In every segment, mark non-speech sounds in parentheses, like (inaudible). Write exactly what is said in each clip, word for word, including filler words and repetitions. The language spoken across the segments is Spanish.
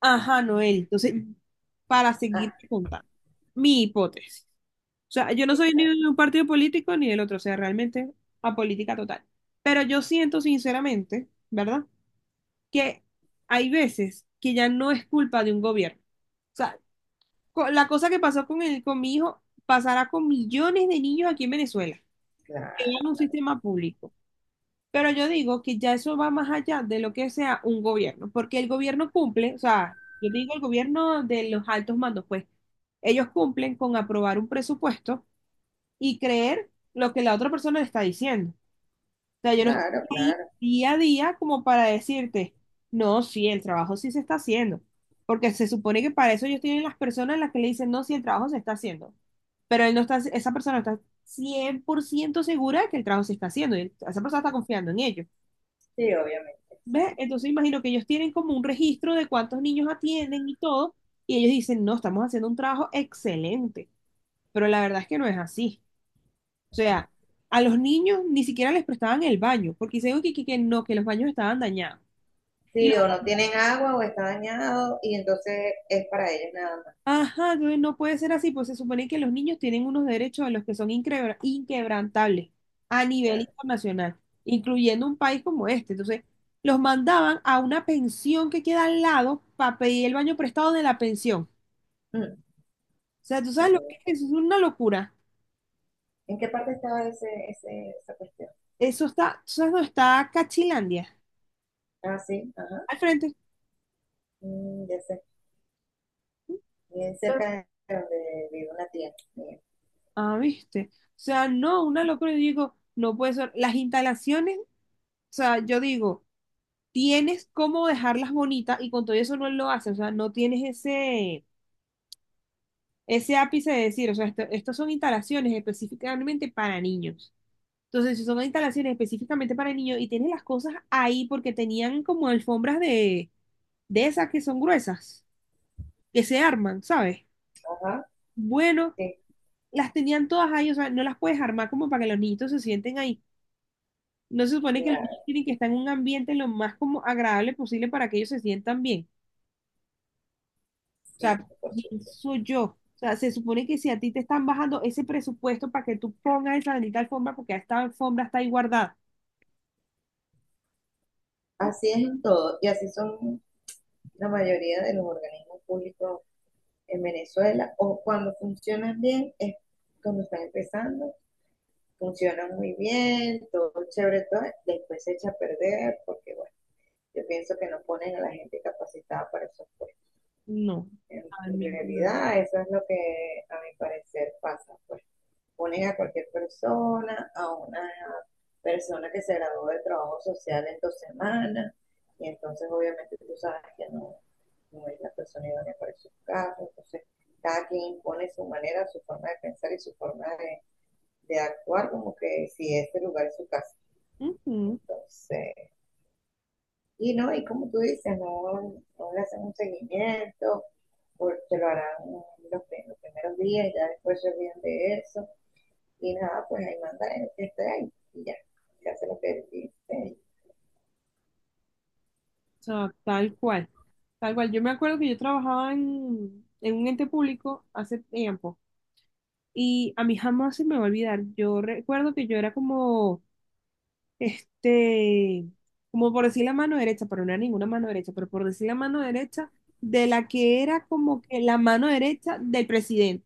Ajá, Noel. Entonces, para Ah, seguir contando, mi hipótesis. O sea, yo no soy ni exacto, de un partido político ni del otro, o sea, realmente apolítica total. Pero yo siento sinceramente, ¿verdad? Que hay veces que ya no es culpa de un gobierno. O sea, co- la cosa que pasó con el, con mi hijo pasará con millones de niños aquí en Venezuela, que claro, van a un sistema público. Pero yo digo que ya eso va más allá de lo que sea un gobierno, porque el gobierno cumple, o sea, yo digo el gobierno de los altos mandos, pues ellos cumplen con aprobar un presupuesto y creer lo que la otra persona le está diciendo. O sea, yo no estoy claro, ahí claro. día a día como para decirte, no, sí, el trabajo sí se está haciendo, porque se supone que para eso ellos tienen las personas en las que le dicen, no, sí, el trabajo se está haciendo, pero él no está, esa persona no está cien por ciento segura de que el trabajo se está haciendo, y esa persona está confiando en ellos. Sí, obviamente, ¿Ves? exacto. Entonces imagino que ellos tienen como un registro de cuántos niños atienden y todo, y ellos dicen, no, estamos haciendo un trabajo excelente, pero la verdad es que no es así. O sea, a los niños ni siquiera les prestaban el baño, porque dicen que, que, que no, que los baños estaban dañados. Y los Sí, o no tienen agua o está dañado y entonces es para ellos nada más. ajá, no no puede ser así, pues se supone que los niños tienen unos derechos de los que son inquebra- inquebrantables a nivel Claro. internacional, incluyendo un país como este. Entonces, los mandaban a una pensión que queda al lado para pedir el baño prestado de la pensión. Mm, O sea, ¿tú sabes lo que Imagínate. es? Eso es una locura. ¿En qué parte estaba ese, ese, esa cuestión? Eso está, ¿tú sabes dónde está Cachilandia? Ah, sí, ajá. Al frente. Mm, ya sé. Bien cerca de donde vive una tía mía. Ah, ¿viste? O sea, no, una locura. Yo digo, no puede ser. Las instalaciones, o sea, yo digo, tienes cómo dejarlas bonitas y con todo eso no lo haces. O sea, no tienes ese, ese ápice de decir, o sea, esto- estas son instalaciones específicamente para niños. Entonces, si son instalaciones específicamente para niños y tienes las cosas ahí porque tenían como alfombras de, de esas que son gruesas, que se arman, ¿sabes? Ajá, Bueno, sí, las tenían todas ahí, o sea, no las puedes armar como para que los niñitos se sienten ahí. No se supone que los claro, niños tienen que estar en un ambiente lo más como agradable posible para que ellos se sientan bien. O sí, sea, por supuesto. pienso yo. O sea, se supone que si a ti te están bajando ese presupuesto para que tú pongas esa bendita alfombra, porque esta alfombra está ahí guardada. Así es en todo y así son la mayoría de los organismos públicos en Venezuela, o cuando funcionan bien es cuando están empezando, funciona muy bien, todo chévere, todo; después se echa a perder porque, bueno, yo pienso que no ponen a la gente capacitada para esos puestos. No. En Ay, mi vida. realidad, eso es lo que a mi parecer pasa, pues ponen a cualquier persona, a una persona que se graduó de trabajo social en dos semanas, y entonces obviamente tú sabes que no, no es la persona idónea para esos casos. Entonces cada quien impone su manera, su forma de pensar y su forma de, de actuar como que si este lugar es su casa. Ujú. Entonces, y no, y como tú dices, no, no le hacen un seguimiento, porque lo harán los, prim- los primeros días, ya después se olvidan de eso, y nada, pues ahí manda el que esté ahí, y ya, se hace lo que dice. O sea, tal cual. Tal cual. Yo me acuerdo que yo trabajaba en, en un ente público hace tiempo. Y a mí jamás se me va a olvidar. Yo recuerdo que yo era como, este, como por decir la mano derecha, pero no era ninguna mano derecha, pero por decir la mano derecha de la que era como que la mano derecha del presidente,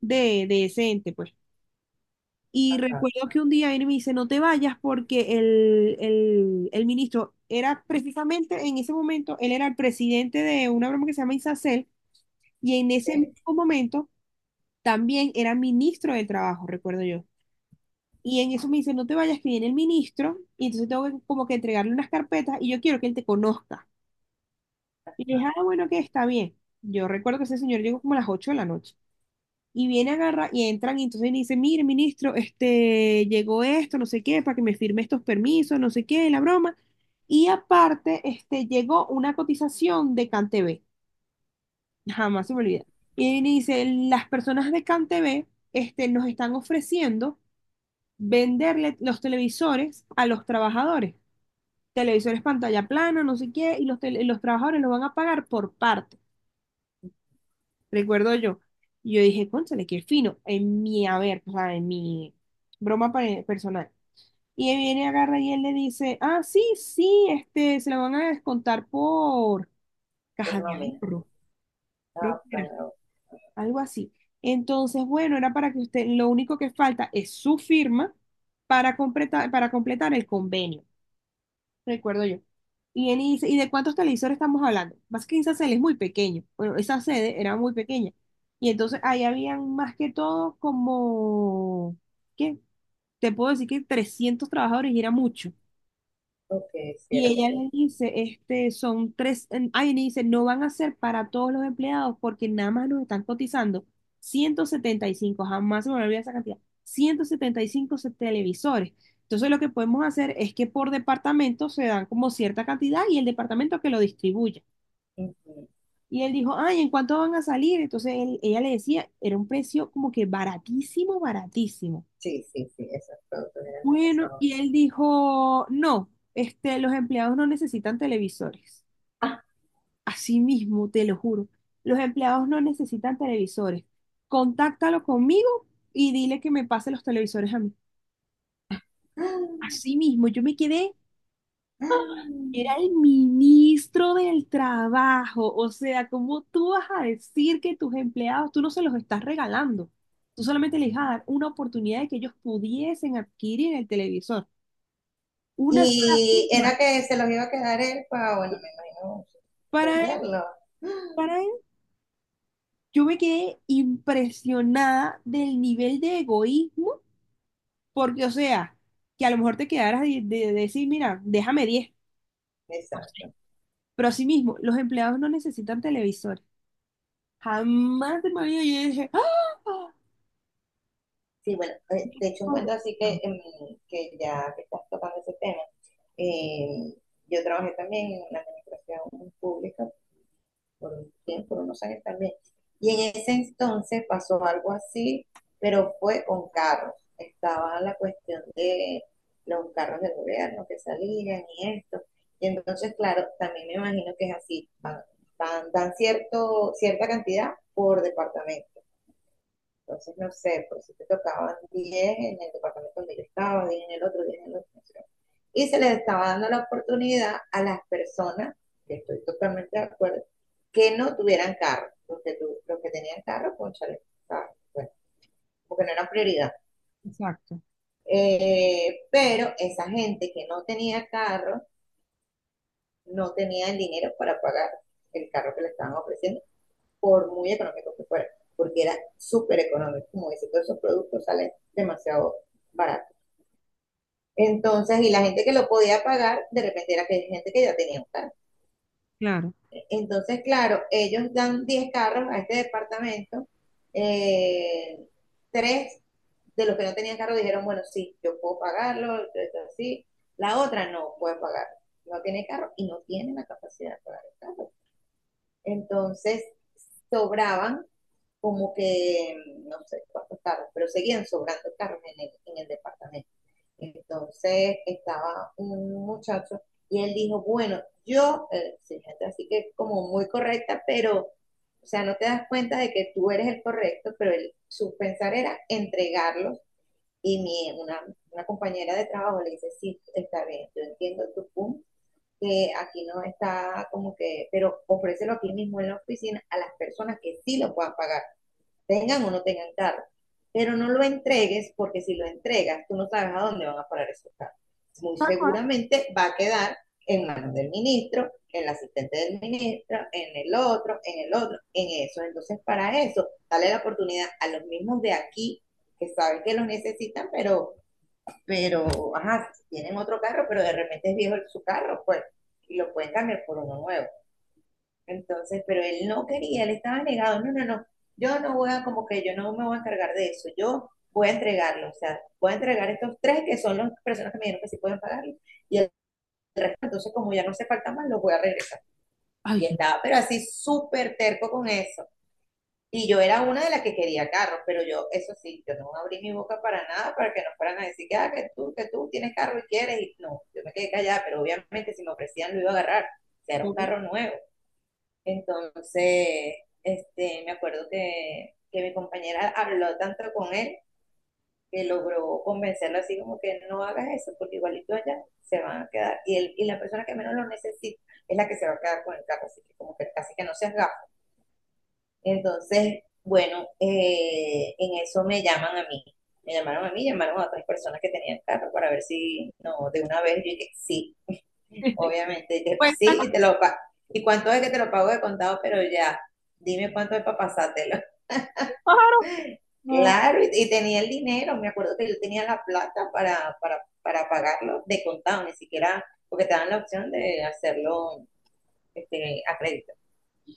de, de ese ente, pues. Y Ajá, recuerdo que un día él me dice, no te vayas porque el, el, el ministro era precisamente en ese momento, él era el presidente de una broma que se llama Isacel, y en ese ok, mismo momento también era ministro del trabajo, recuerdo yo. Y en eso me dice, no te vayas, que viene el ministro, y entonces tengo que como que entregarle unas carpetas y yo quiero que él te conozca. Y le dije, ah, bueno, que está bien. Yo recuerdo que ese señor llegó como a las ocho de la noche. Y viene, agarra y entran, y entonces me dice, mire, ministro, este, llegó esto, no sé qué, para que me firme estos permisos, no sé qué, la broma. Y aparte, este, llegó una cotización de CanTV. Jamás se me olvida. Y ahí me dice, las personas de CanTV, este, nos están ofreciendo venderle los televisores a los trabajadores. Televisores pantalla plana, no sé qué, y los, tele- los trabajadores los van a pagar por parte, recuerdo yo. Y yo dije, cónchale, qué fino, en mi haber, o sea, en mi broma pa- personal. Y él viene, agarra y él le dice, ah, sí, sí, este, se la van a descontar por por caja de nómina, ahorro, creo ah, que era, claro, algo así. Entonces, bueno, era para que usted, lo único que falta es su firma para completar, para completar el convenio. Recuerdo yo. Y él dice, ¿y de cuántos televisores estamos hablando? Más que esa sede es muy pequeño. Bueno, esa sede era muy pequeña. Y entonces ahí habían más que todo como, ¿qué? Te puedo decir que trescientos trabajadores y era mucho. ok, si Y era ella pequeño. le dice, este, son tres, en- ay, le dice, no van a ser para todos los empleados porque nada más nos están cotizando ciento setenta y cinco, jamás se me olvida esa cantidad, ciento setenta y cinco se- televisores. Entonces lo que podemos hacer es que por departamento se dan como cierta cantidad y el departamento que lo distribuya. Ujú. Y él dijo, ay, ¿en cuánto van a salir? Entonces él- ella le decía, era un precio como que baratísimo, baratísimo. Sí, sí, sí, esos productos eran Bueno, demasiado. y él dijo, no, este, los empleados no necesitan televisores. (laughs) Ah, Así mismo, te lo juro. Los empleados no necesitan televisores. Contáctalo conmigo y dile que me pase los televisores a mí. ah, Así mismo, yo me quedé, era ah. el ministro del trabajo. O sea, ¿cómo tú vas a decir que tus empleados, tú no se los estás regalando? Tú solamente les vas a dar una oportunidad de que ellos pudiesen adquirir el televisor. Una sola Y firma. era que se los iba a quedar él para, bueno, me imagino, Para él, venderlo. para él, yo me quedé impresionada del nivel de egoísmo. Porque, o sea, que a lo mejor te quedaras de, de- decir, mira, déjame diez, no sé. Exacto. Pero así mismo, los empleados no necesitan televisores. Jamás de mi vida yo dije, ¡ah! Ah, Sí, bueno, eh, de hecho, un cuento así que, corrupción. em, que ya que estás tocando ese tema. eh, yo trabajé también en la administración pública por un tiempo, por unos años también. Y en ese entonces pasó algo así, pero fue con carros. Estaba la cuestión de los carros del gobierno que salían y esto. Y entonces, claro, también me imagino que es así. Van, van- dan cierto, cierta cantidad por departamento. Entonces, no sé, por si te tocaban diez en el departamento donde yo estaba, diez en el otro, diez en el otro. No. Y se les estaba dando la oportunidad a las personas, que estoy totalmente de acuerdo, que no tuvieran carro. Los que tu- los que tenían carro, cónchale, ah, bueno, porque no era prioridad. Exacto, Eh, pero esa gente que no tenía carro, no tenía el dinero para pagar el carro que le estaban ofreciendo, por muy económico que fuera, porque era súper económico. Como dice, todos esos productos salen demasiado baratos. Entonces, y la gente que lo podía pagar, de repente era que hay gente que ya tenía un carro. claro. Entonces, claro, ellos dan diez carros a este departamento. eh, Tres de los que no tenían carro dijeron, bueno, sí, yo puedo pagarlo, esto así. La otra no puede pagar, no tiene carro y no tiene la capacidad de pagar el carro. Entonces, sobraban como que, no sé cuántos carros, pero seguían sobrando carros en el, en el departamento. Entonces estaba un muchacho y él dijo, bueno, yo, eh, sí, gente así que como muy correcta, pero, o sea, no te das cuenta de que tú eres el correcto, pero él, su pensar era entregarlos, y mi, una, una compañera de trabajo le dice, sí, está bien, yo entiendo tu punto, que aquí no está como que, pero ofrécelo aquí mismo en la oficina a las personas que sí lo puedan pagar, tengan o no tengan carro. Pero no lo entregues, porque si lo entregas, tú no sabes a dónde van a parar esos carros. Muy Tal cual. seguramente va a quedar en manos del ministro, en el asistente del ministro, en el otro, en el otro, en eso. Entonces, para eso, dale la oportunidad a los mismos de aquí que saben que los necesitan, pero, pero, ajá, si tienen otro carro, pero de repente es viejo su carro, pues, y lo pueden cambiar por uno nuevo. Entonces, pero él no quería, él estaba negado, no, no, no, yo no voy a, como que yo no me voy a encargar de eso, yo voy a entregarlo, o sea, voy a entregar estos tres que son las personas que me dijeron que sí pueden pagarlo, y el resto, entonces como ya no se falta más, los voy a regresar. Ay, Y estaba, pero así súper terco con eso. Y yo era una de las que quería carros, pero yo, eso sí, yo no abrí mi boca para nada, para que no fueran a decir que, ah, que tú, que tú tienes carro y quieres, y no, yo me quedé callada, pero obviamente si me ofrecían lo iba a agarrar, o sea, era un obvio. carro nuevo. Entonces, este, me acuerdo que, que mi compañera habló tanto con él que logró convencerlo así como que no hagas eso, porque igualito allá se van a quedar. Y, el, y la persona que menos lo necesita es la que se va a quedar con el carro, así que como que casi que no seas gafo. Entonces, bueno, eh, en eso me llaman a mí. Me llamaron a mí, llamaron a otras personas que tenían carro para ver si, no, de una vez yo dije, sí, (laughs) obviamente. Y te- Pues, tal- sí, y te lo pa- ¿Y cuánto es que te lo pago de contado? Pero ya, dime cuánto es para pasártelo. pájaro. (laughs) No. Claro, y, y tenía el dinero, me acuerdo que yo tenía la plata para para, para pagarlo de contado, ni siquiera, porque te dan la opción de hacerlo, este, a crédito.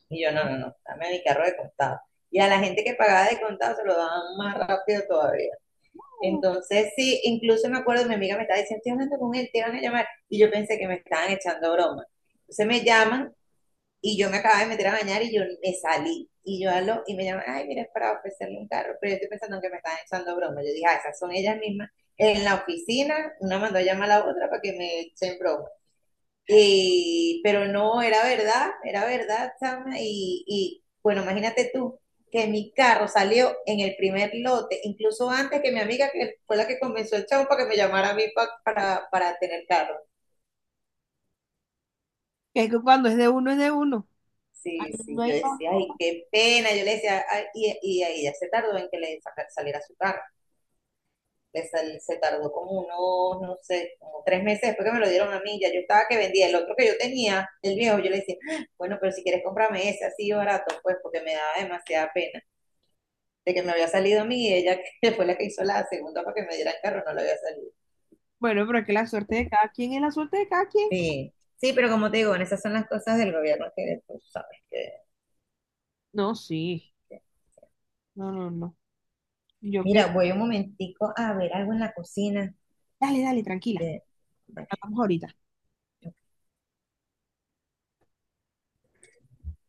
Y yo, no, no, no, dame mi carro de contado. Y a la gente que pagaba de contado se lo daban más rápido todavía. Entonces, sí, incluso me acuerdo, mi amiga me estaba diciendo, estoy hablando con él, te van a llamar. Y yo pensé que me estaban echando broma. Entonces me llaman. Y yo me acababa de meter a bañar y yo me salí. Y yo hablo y me llaman, ay, mira, es para ofrecerle un carro. Pero yo estoy pensando que me están echando broma. Yo dije, ah, esas son ellas mismas. En la oficina, una mandó a llamar a la otra para que me echen broma. Y pero no, era verdad, era verdad, Chama. Y, y bueno, imagínate tú que mi carro salió en el primer lote, incluso antes que mi amiga, que fue la que convenció el chavo para que me llamara a mí pa- para, para tener carro. Es que cuando es de uno, es de uno. Sí, Ahí no sí, yo hay pa- decía, ay, qué pena. Yo le decía, ay, y, y ahí ya se tardó en que le saca- saliera su carro. Le sal- se tardó como unos, no sé, como tres meses después que me lo dieron a mí. Ya yo estaba que vendía el otro que yo tenía, el viejo. Yo le decía, "Ah, bueno, pero si quieres cómprame ese así barato, pues", porque me daba demasiada pena de que me había salido a mí y ella (laughs) que fue la que hizo la segunda para que me diera el carro, no le había salido. Bueno, pero es que la suerte de cada quien es la suerte de cada quien. Sí, sí, pero como te digo, bueno, esas son las cosas del gobierno que tú sabes que. No, sí. No, no, no. Yo que. Mira, voy un momentico a ver algo en la cocina. Dale, dale, tranquila. Que Hablamos ahorita.